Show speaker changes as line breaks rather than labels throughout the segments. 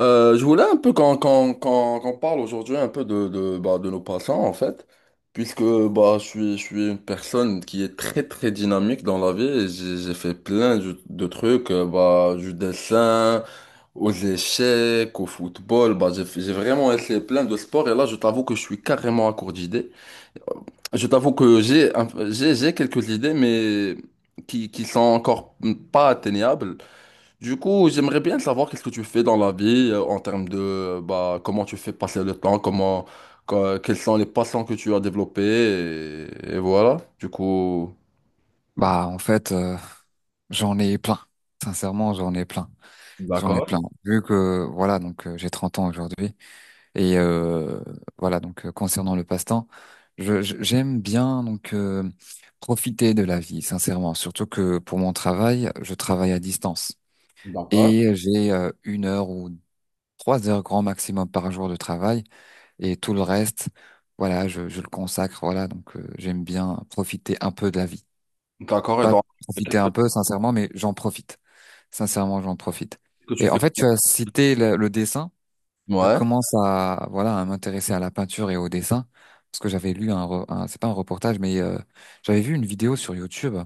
Je voulais un peu qu'on parle aujourd'hui un peu de nos passants en fait, puisque je suis une personne qui est très très dynamique dans la vie et j'ai fait plein de trucs, du dessin, aux échecs, au football, j'ai vraiment essayé plein de sports et là je t'avoue que je suis carrément à court d'idées. Je t'avoue que j'ai un- j'ai quelques idées mais qui sont encore pas atteignables. Du coup, j'aimerais bien savoir qu'est-ce que tu fais dans la vie en termes de comment tu fais passer le temps, comment, quelles sont les passions que tu as développées, et voilà. Du coup.
Bah, en fait, euh, j'en ai plein. Sincèrement, j'en ai plein. J'en ai plein.
D'accord,
Vu que, voilà, donc j'ai 30 ans aujourd'hui. Et voilà, donc concernant le passe-temps, j'aime bien profiter de la vie, sincèrement. Surtout que pour mon travail, je travaille à distance.
d'accord.
Et j'ai une heure ou trois heures grand maximum par jour de travail. Et tout le reste, voilà, je le consacre. J'aime bien profiter un peu de la vie.
D'accord, et
Pas
donc, et qu'est-ce
profiter
que,
un peu, sincèrement, mais j'en profite. Sincèrement, j'en profite.
que tu
Et en
fais?
fait, tu as cité le dessin. Je
Ouais,
commence à, voilà, à m'intéresser à la peinture et au dessin. Parce que j'avais lu un, re- un- c'est pas un reportage, mais j'avais vu une vidéo sur YouTube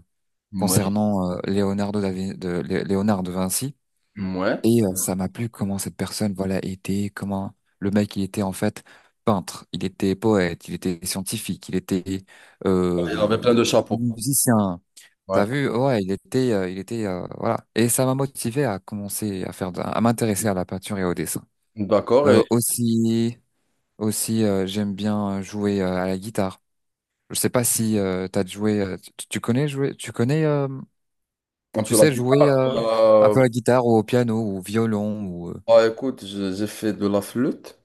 ouais,
concernant Leonardo da Vin- de, Lé- Léonard de Vinci.
ouais.
Ça m'a plu comment cette personne, voilà, était, comment le mec, il était en fait peintre, il était poète, il était scientifique, il était
Il avait
euh,
plein de chapeaux.
musicien. T'as
Ouais.
vu, ouais, voilà. Et ça m'a motivé à commencer à faire, de- à m'intéresser à la peinture et au dessin.
D'accord,
Euh,
et
aussi, aussi, j'aime bien jouer à la guitare. Je sais pas si tu connais jouer, tu connais, euh,
un
tu
peu la
sais jouer
guitare.
un
euh,
peu à la guitare ou au piano ou au violon ou.
Écoute, j'ai fait de la flûte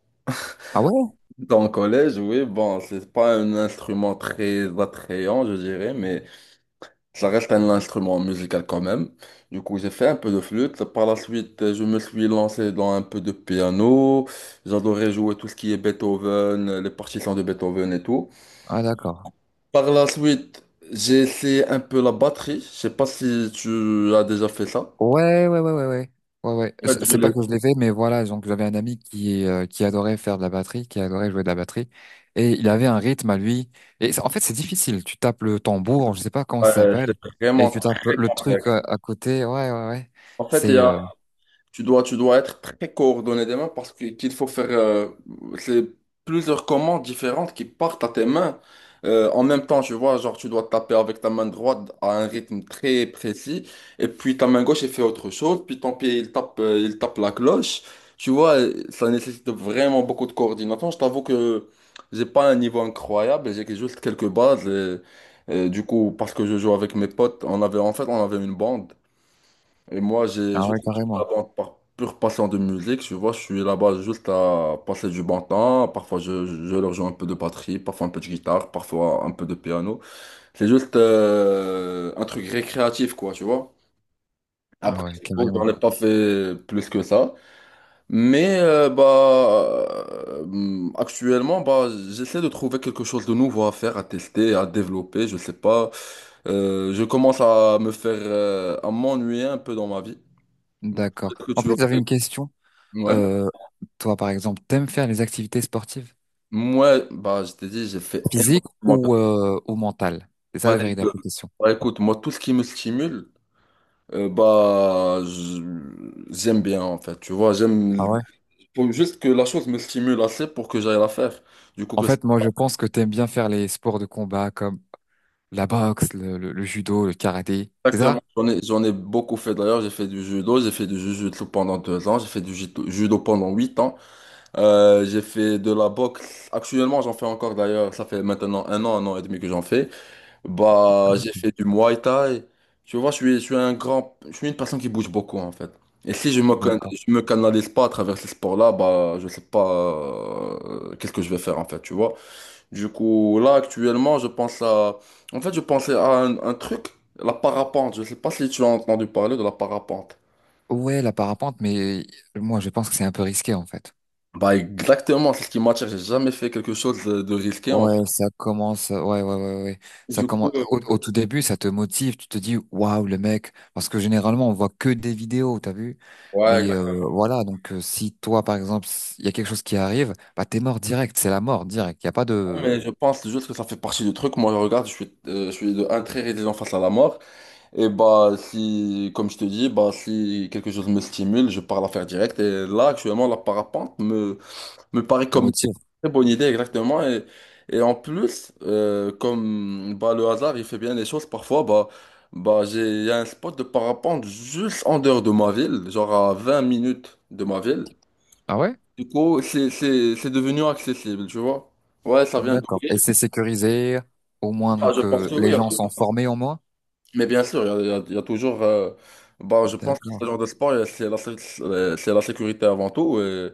Ah ouais?
dans le collège, oui, bon, c'est pas un instrument très attrayant, je dirais, mais. Ça reste un instrument musical quand même. Du coup, j'ai fait un peu de flûte. Par la suite, je me suis lancé dans un peu de piano. J'adorais jouer tout ce qui est Beethoven, les partitions de Beethoven et tout.
Ah d'accord.
Par la suite, j'ai essayé un peu la batterie. Je sais pas si tu as déjà fait ça.
Ouais, ouais, ouais, ouais, ouais. Ouais, ouais.
En
C'est
fait, je
c'est pas
l'ai-
que je l'ai fait, mais voilà, donc j'avais un ami qui adorait faire de la batterie, qui adorait jouer de la batterie, et il avait un rythme à lui. C'est difficile. Tu tapes le tambour, je sais pas comment ça
Ouais,
s'appelle,
c'est
et
vraiment
tu tapes
très...
le truc à côté. Ouais, ouais, ouais.
En fait, il y
C'est
a Tu dois être très coordonné des mains qu'il faut faire c'est plusieurs commandes différentes qui partent à tes mains en même temps, tu vois, genre tu dois taper avec ta main droite à un rythme très précis et puis ta main gauche elle fait autre chose, puis ton pied il tape la cloche. Tu vois, ça nécessite vraiment beaucoup de coordination. Je t'avoue que j'ai pas un niveau incroyable, juste quelques bases et du coup parce que je joue avec mes potes, on avait une bande. Et moi, j'ai
ah
juste
ouais,
je
carrément.
là-bas par pure passion de musique, tu vois, je suis là-bas juste à passer du bon temps. Parfois, je leur joue un peu de batterie, parfois un peu de guitare, parfois un peu de piano. C'est juste un truc récréatif, quoi, tu vois. Après,
Ah ouais,
c'est bon, j'en
carrément.
ai pas fait plus que ça. Mais euh, bah, Actuellement, j'essaie de trouver quelque chose de nouveau à faire, à tester, à développer, je sais pas. Je commence à me faire, à m'ennuyer un peu dans ma vie.
D'accord.
Peut-être que
En
tu
fait,
aurais-
j'avais une question.
Ouais.
Euh, toi, par exemple, t'aimes faire les activités sportives,
Moi, je t'ai dit, j'ai fait
physiques
énormément de...
ou mentales? C'est ça la
Bah,
véritable
écoute,
question.
écoute, moi, tout ce qui me stimule, euh, bah, je- j'aime bien, en fait. Tu vois, j'aime... faut juste que la chose me stimule assez pour que j'aille la faire. Du coup,
En
que c'est
fait, moi, je pense que t'aimes bien faire les sports de combat comme la boxe, le judo, le karaté, c'est
exactement...
ça?
J'en ai beaucoup fait, d'ailleurs. J'ai fait du judo, j'ai fait du jujutsu pendant 2 ans, j'ai fait judo pendant 8 ans. J'ai fait de la boxe. Actuellement, j'en fais encore, d'ailleurs. Ça fait maintenant un an et demi que j'en fais. Bah, j'ai fait du Muay Thai. Tu vois, je suis je suis une personne qui bouge beaucoup en fait. Et si
D'accord.
je me canalise pas à travers ces sports-là, bah, je sais pas qu'est-ce que je vais faire en fait, tu vois. Du coup, là actuellement, je pense à, en fait, je pensais à un truc, la parapente. Je sais pas si tu as entendu parler de la parapente.
Ouais, la parapente, mais moi, je pense que c'est un peu risqué, en fait.
Bah, exactement, c'est ce qui m'attire. J'ai jamais fait quelque chose de risqué en fait.
Ouais, ça commence, ouais, ouais, ouais, ouais, ouais. Ça
Du coup,
commence, au tout début, ça te motive, tu te dis, waouh, le mec, parce que généralement, on voit que des vidéos, t'as vu?
ouais,
Mais
exactement.
voilà, donc si toi, par exemple, il y a quelque chose qui arrive, bah, t'es mort direct, c'est la mort direct, il n'y a pas de,
Mais je pense juste que ça fait partie du truc. Moi, je regarde, je suis de un très résilient face à la mort. Et bah si, comme je te dis, bah si quelque chose me stimule, je pars la faire direct. Et là, actuellement, me paraît
de
comme une
motif.
très bonne idée, exactement. Et en plus, comme bah, le hasard, il fait bien les choses parfois, il y a un spot de parapente juste en dehors de ma ville, genre à 20 minutes de ma ville.
Ah ouais?
Du coup, c'est devenu accessible, tu vois. Ouais, ça vient de
D'accord. Et c'est sécurisé, au moins,
là, je pense que oui.
les gens sont formés au moins.
Mais bien sûr, il y a toujours. Je pense que ce
D'accord.
genre de sport, c'est la sécurité avant tout. Et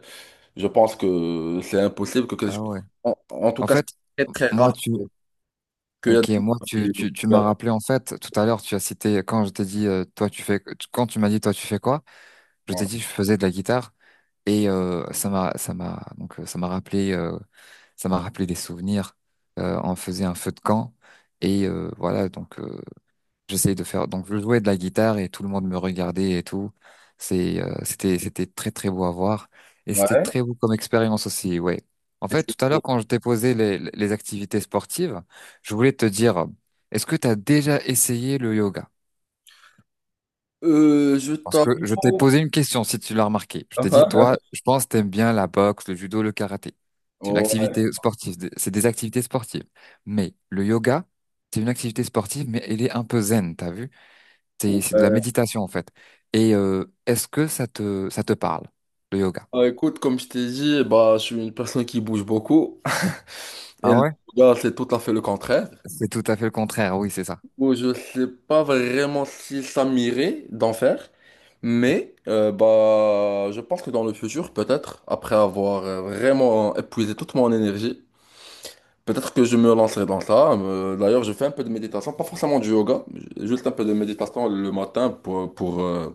je pense que c'est impossible
Ah ouais.
en, en tout
En
cas,
fait,
c'est très, très
moi
rare
tu,
qu'il y a des
ok,
gens
moi tu,
qui-
tu, tu m'as rappelé en fait tout à l'heure tu as cité quand je t'ai dit toi tu fais, quand tu m'as dit toi tu fais quoi, je t'ai
Ouais.
dit je faisais de la guitare et ça m'a donc ça m'a rappelé des souvenirs. On faisait un feu de camp et j'essayais de faire. Donc, je jouais de la guitare et tout le monde me regardait et tout. C'était très, très beau à voir. Et c'était
Ouais.
très beau comme expérience aussi, ouais. En
Et tu-
fait, tout à l'heure, quand je t'ai posé les activités sportives, je voulais te dire, est-ce que tu as déjà essayé le yoga?
Je
Parce
t'avoue.
que je t'ai posé une question, si tu l'as remarqué. Je
Ah,
t'ai dit,
ah.
toi, je pense que t'aimes bien la boxe, le judo, le karaté. C'est une
Ouais.
activité sportive, c'est des activités sportives. Mais le yoga, c'est une activité sportive, mais elle est un peu zen, t'as vu? C'est de
Ouais.
la méditation en fait. Et est-ce que ça te parle, le yoga?
Bah, écoute, comme je t'ai dit, bah, je suis une personne qui bouge beaucoup. Et
Ah
le
ouais?
yoga, c'est tout à fait le contraire.
C'est tout à fait le contraire, oui, c'est ça.
Bon, je sais pas vraiment si ça m'irait d'en faire, je pense que dans le futur, peut-être, après avoir vraiment épuisé toute mon énergie, peut-être que je me lancerai dans ça. D'ailleurs, je fais un peu de méditation, pas forcément du yoga, juste un peu de méditation le matin pour, pour, euh,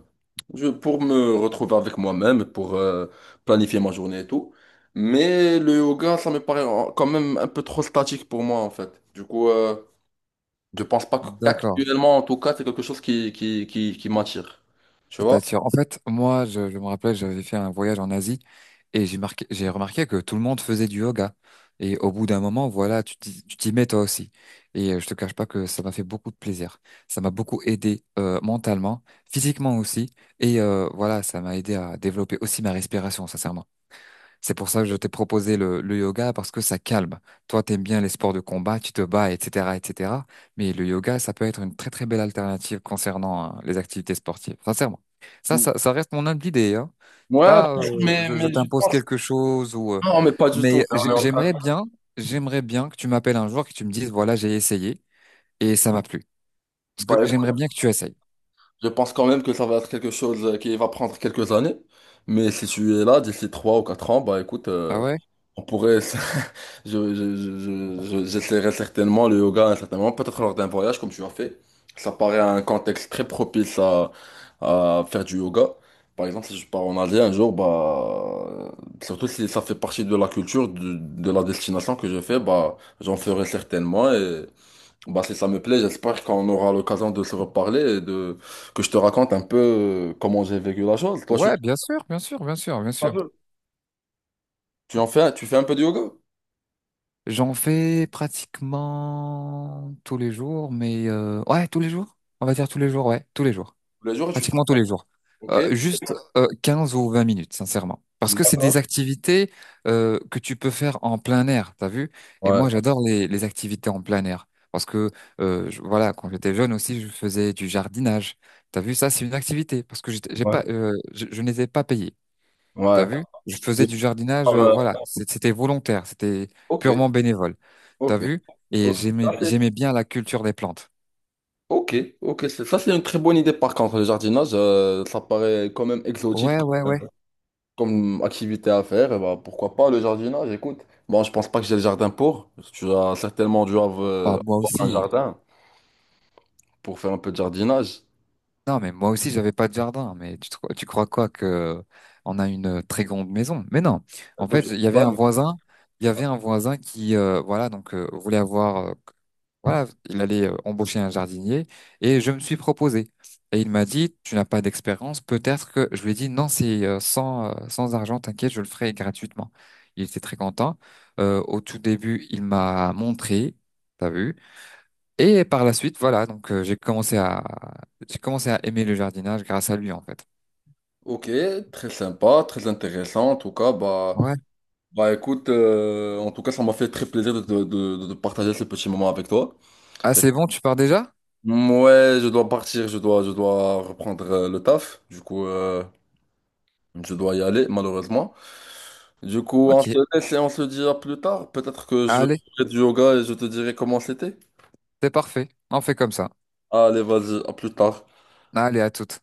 je- pour me retrouver avec moi-même, pour planifier ma journée et tout. Mais le yoga, ça me paraît quand même un peu trop statique pour moi, en fait. Du coup... je pense pas que-
D'accord.
qu'actuellement, en tout cas, c'est quelque chose qui m'attire. Tu
Qui
vois?
t'attire. En fait, moi, je me rappelle, j'avais fait un voyage en Asie et j'ai remarqué que tout le monde faisait du yoga. Et au bout d'un moment, voilà, tu t'y mets toi aussi. Je te cache pas que ça m'a fait beaucoup de plaisir. Ça m'a beaucoup aidé mentalement, physiquement aussi. Et voilà, ça m'a aidé à développer aussi ma respiration, sincèrement. C'est pour ça que je t'ai proposé le yoga parce que ça calme. Toi, t'aimes bien les sports de combat, tu te bats, etc., etc. Mais le yoga, ça peut être une très très belle alternative concernant hein, les activités sportives. Sincèrement, ça reste mon humble idée. Hein. C'est
Ouais,
pas,
bien sûr,
je
mais je
t'impose
pense,
quelque chose ou. euh,
non, mais pas du tout.
mais
Mais on
j'ai-
est en train-
j'aimerais bien, j'aimerais bien que tu m'appelles un jour, que tu me dises, voilà, j'ai essayé et ça m'a plu. Parce que
Bah, écoute,
j'aimerais bien que tu essayes.
je pense quand même que ça va être quelque chose qui va prendre quelques années. Mais si tu es là d'ici 3 ou 4 ans, bah écoute,
Ah ouais?
on pourrait. J'essaierai certainement le yoga à un certain moment, peut-être lors d'un voyage comme tu as fait. Ça paraît un contexte très propice à faire du yoga. Par exemple, si je pars en Asie un jour, bah, surtout si ça fait partie de la culture, de la destination que je fais, bah, j'en ferai certainement bah, si ça me plaît, j'espère qu'on aura l'occasion de se reparler et de que je te raconte un peu comment j'ai vécu la chose. Toi, je suis
Ouais, bien sûr, bien sûr, bien sûr, bien sûr.
Fameux. Tu en fais, tu fais un peu de yoga
J'en fais pratiquement tous les jours, mais ouais, tous les jours. On va dire tous les jours, ouais, tous les jours.
tous les jours, tu fais.
Pratiquement tous les jours.
Ok.
Juste 15 ou 20 minutes, sincèrement. Parce que c'est
D'accord.
des activités que tu peux faire en plein air, t'as vu? Et
Ouais.
moi, j'adore les activités en plein air. Parce que, voilà, quand j'étais jeune aussi, je faisais du jardinage. T'as vu, ça, c'est une activité. Parce que j'étais- j'ai
Ouais.
pas, je n'étais pas payé. T'as
Ouais.
vu? Je faisais du jardinage, voilà,
Euh,
c'était volontaire, c'était
Ok.
purement bénévole. T'as
Ok.
vu? Et
Ok. Ça, c'est-
j'aimais bien la culture des plantes.
Ok. Ok. C'est- Ça, c'est une très bonne idée. Par contre, le jardinage, ça paraît quand même exotique
Ouais, ouais, ouais.
comme activité à faire. Et bah, pourquoi pas le jardinage? Écoute, bon, je pense pas que j'ai le jardin pour. Tu as certainement dû avoir
Bah, moi
avoir un
aussi.
jardin pour faire un peu de jardinage.
Non, mais moi aussi, j'avais pas de jardin. Mais tu crois quoi, que on a une très grande maison? Mais non. En
Écoute, je
fait,
sais pas, mais-
il y avait un voisin qui voulait avoir, voilà, il allait embaucher un jardinier et je me suis proposé. Et il m'a dit, tu n'as pas d'expérience, peut-être que je lui ai dit non, c'est sans argent, t'inquiète, je le ferai gratuitement. Il était très content. Au tout début, il m'a montré, t'as vu? Et par la suite, j'ai commencé à aimer le jardinage grâce à lui en fait.
Ok, très sympa, très intéressant. En tout cas, bah,
Ouais.
bah écoute, en tout cas, ça m'a fait très plaisir de partager ce petit moment avec toi.
Ah, c'est bon, tu pars déjà?
Ouais, je dois partir, je dois reprendre le taf. Du coup, je dois y aller, malheureusement. Du coup, on
Ok.
se laisse et on se dit à plus tard. Peut-être que je
Allez,
ferai du yoga et je te dirai comment c'était.
c'est parfait. On fait comme ça.
Allez, vas-y, à plus tard.
Allez, à toutes.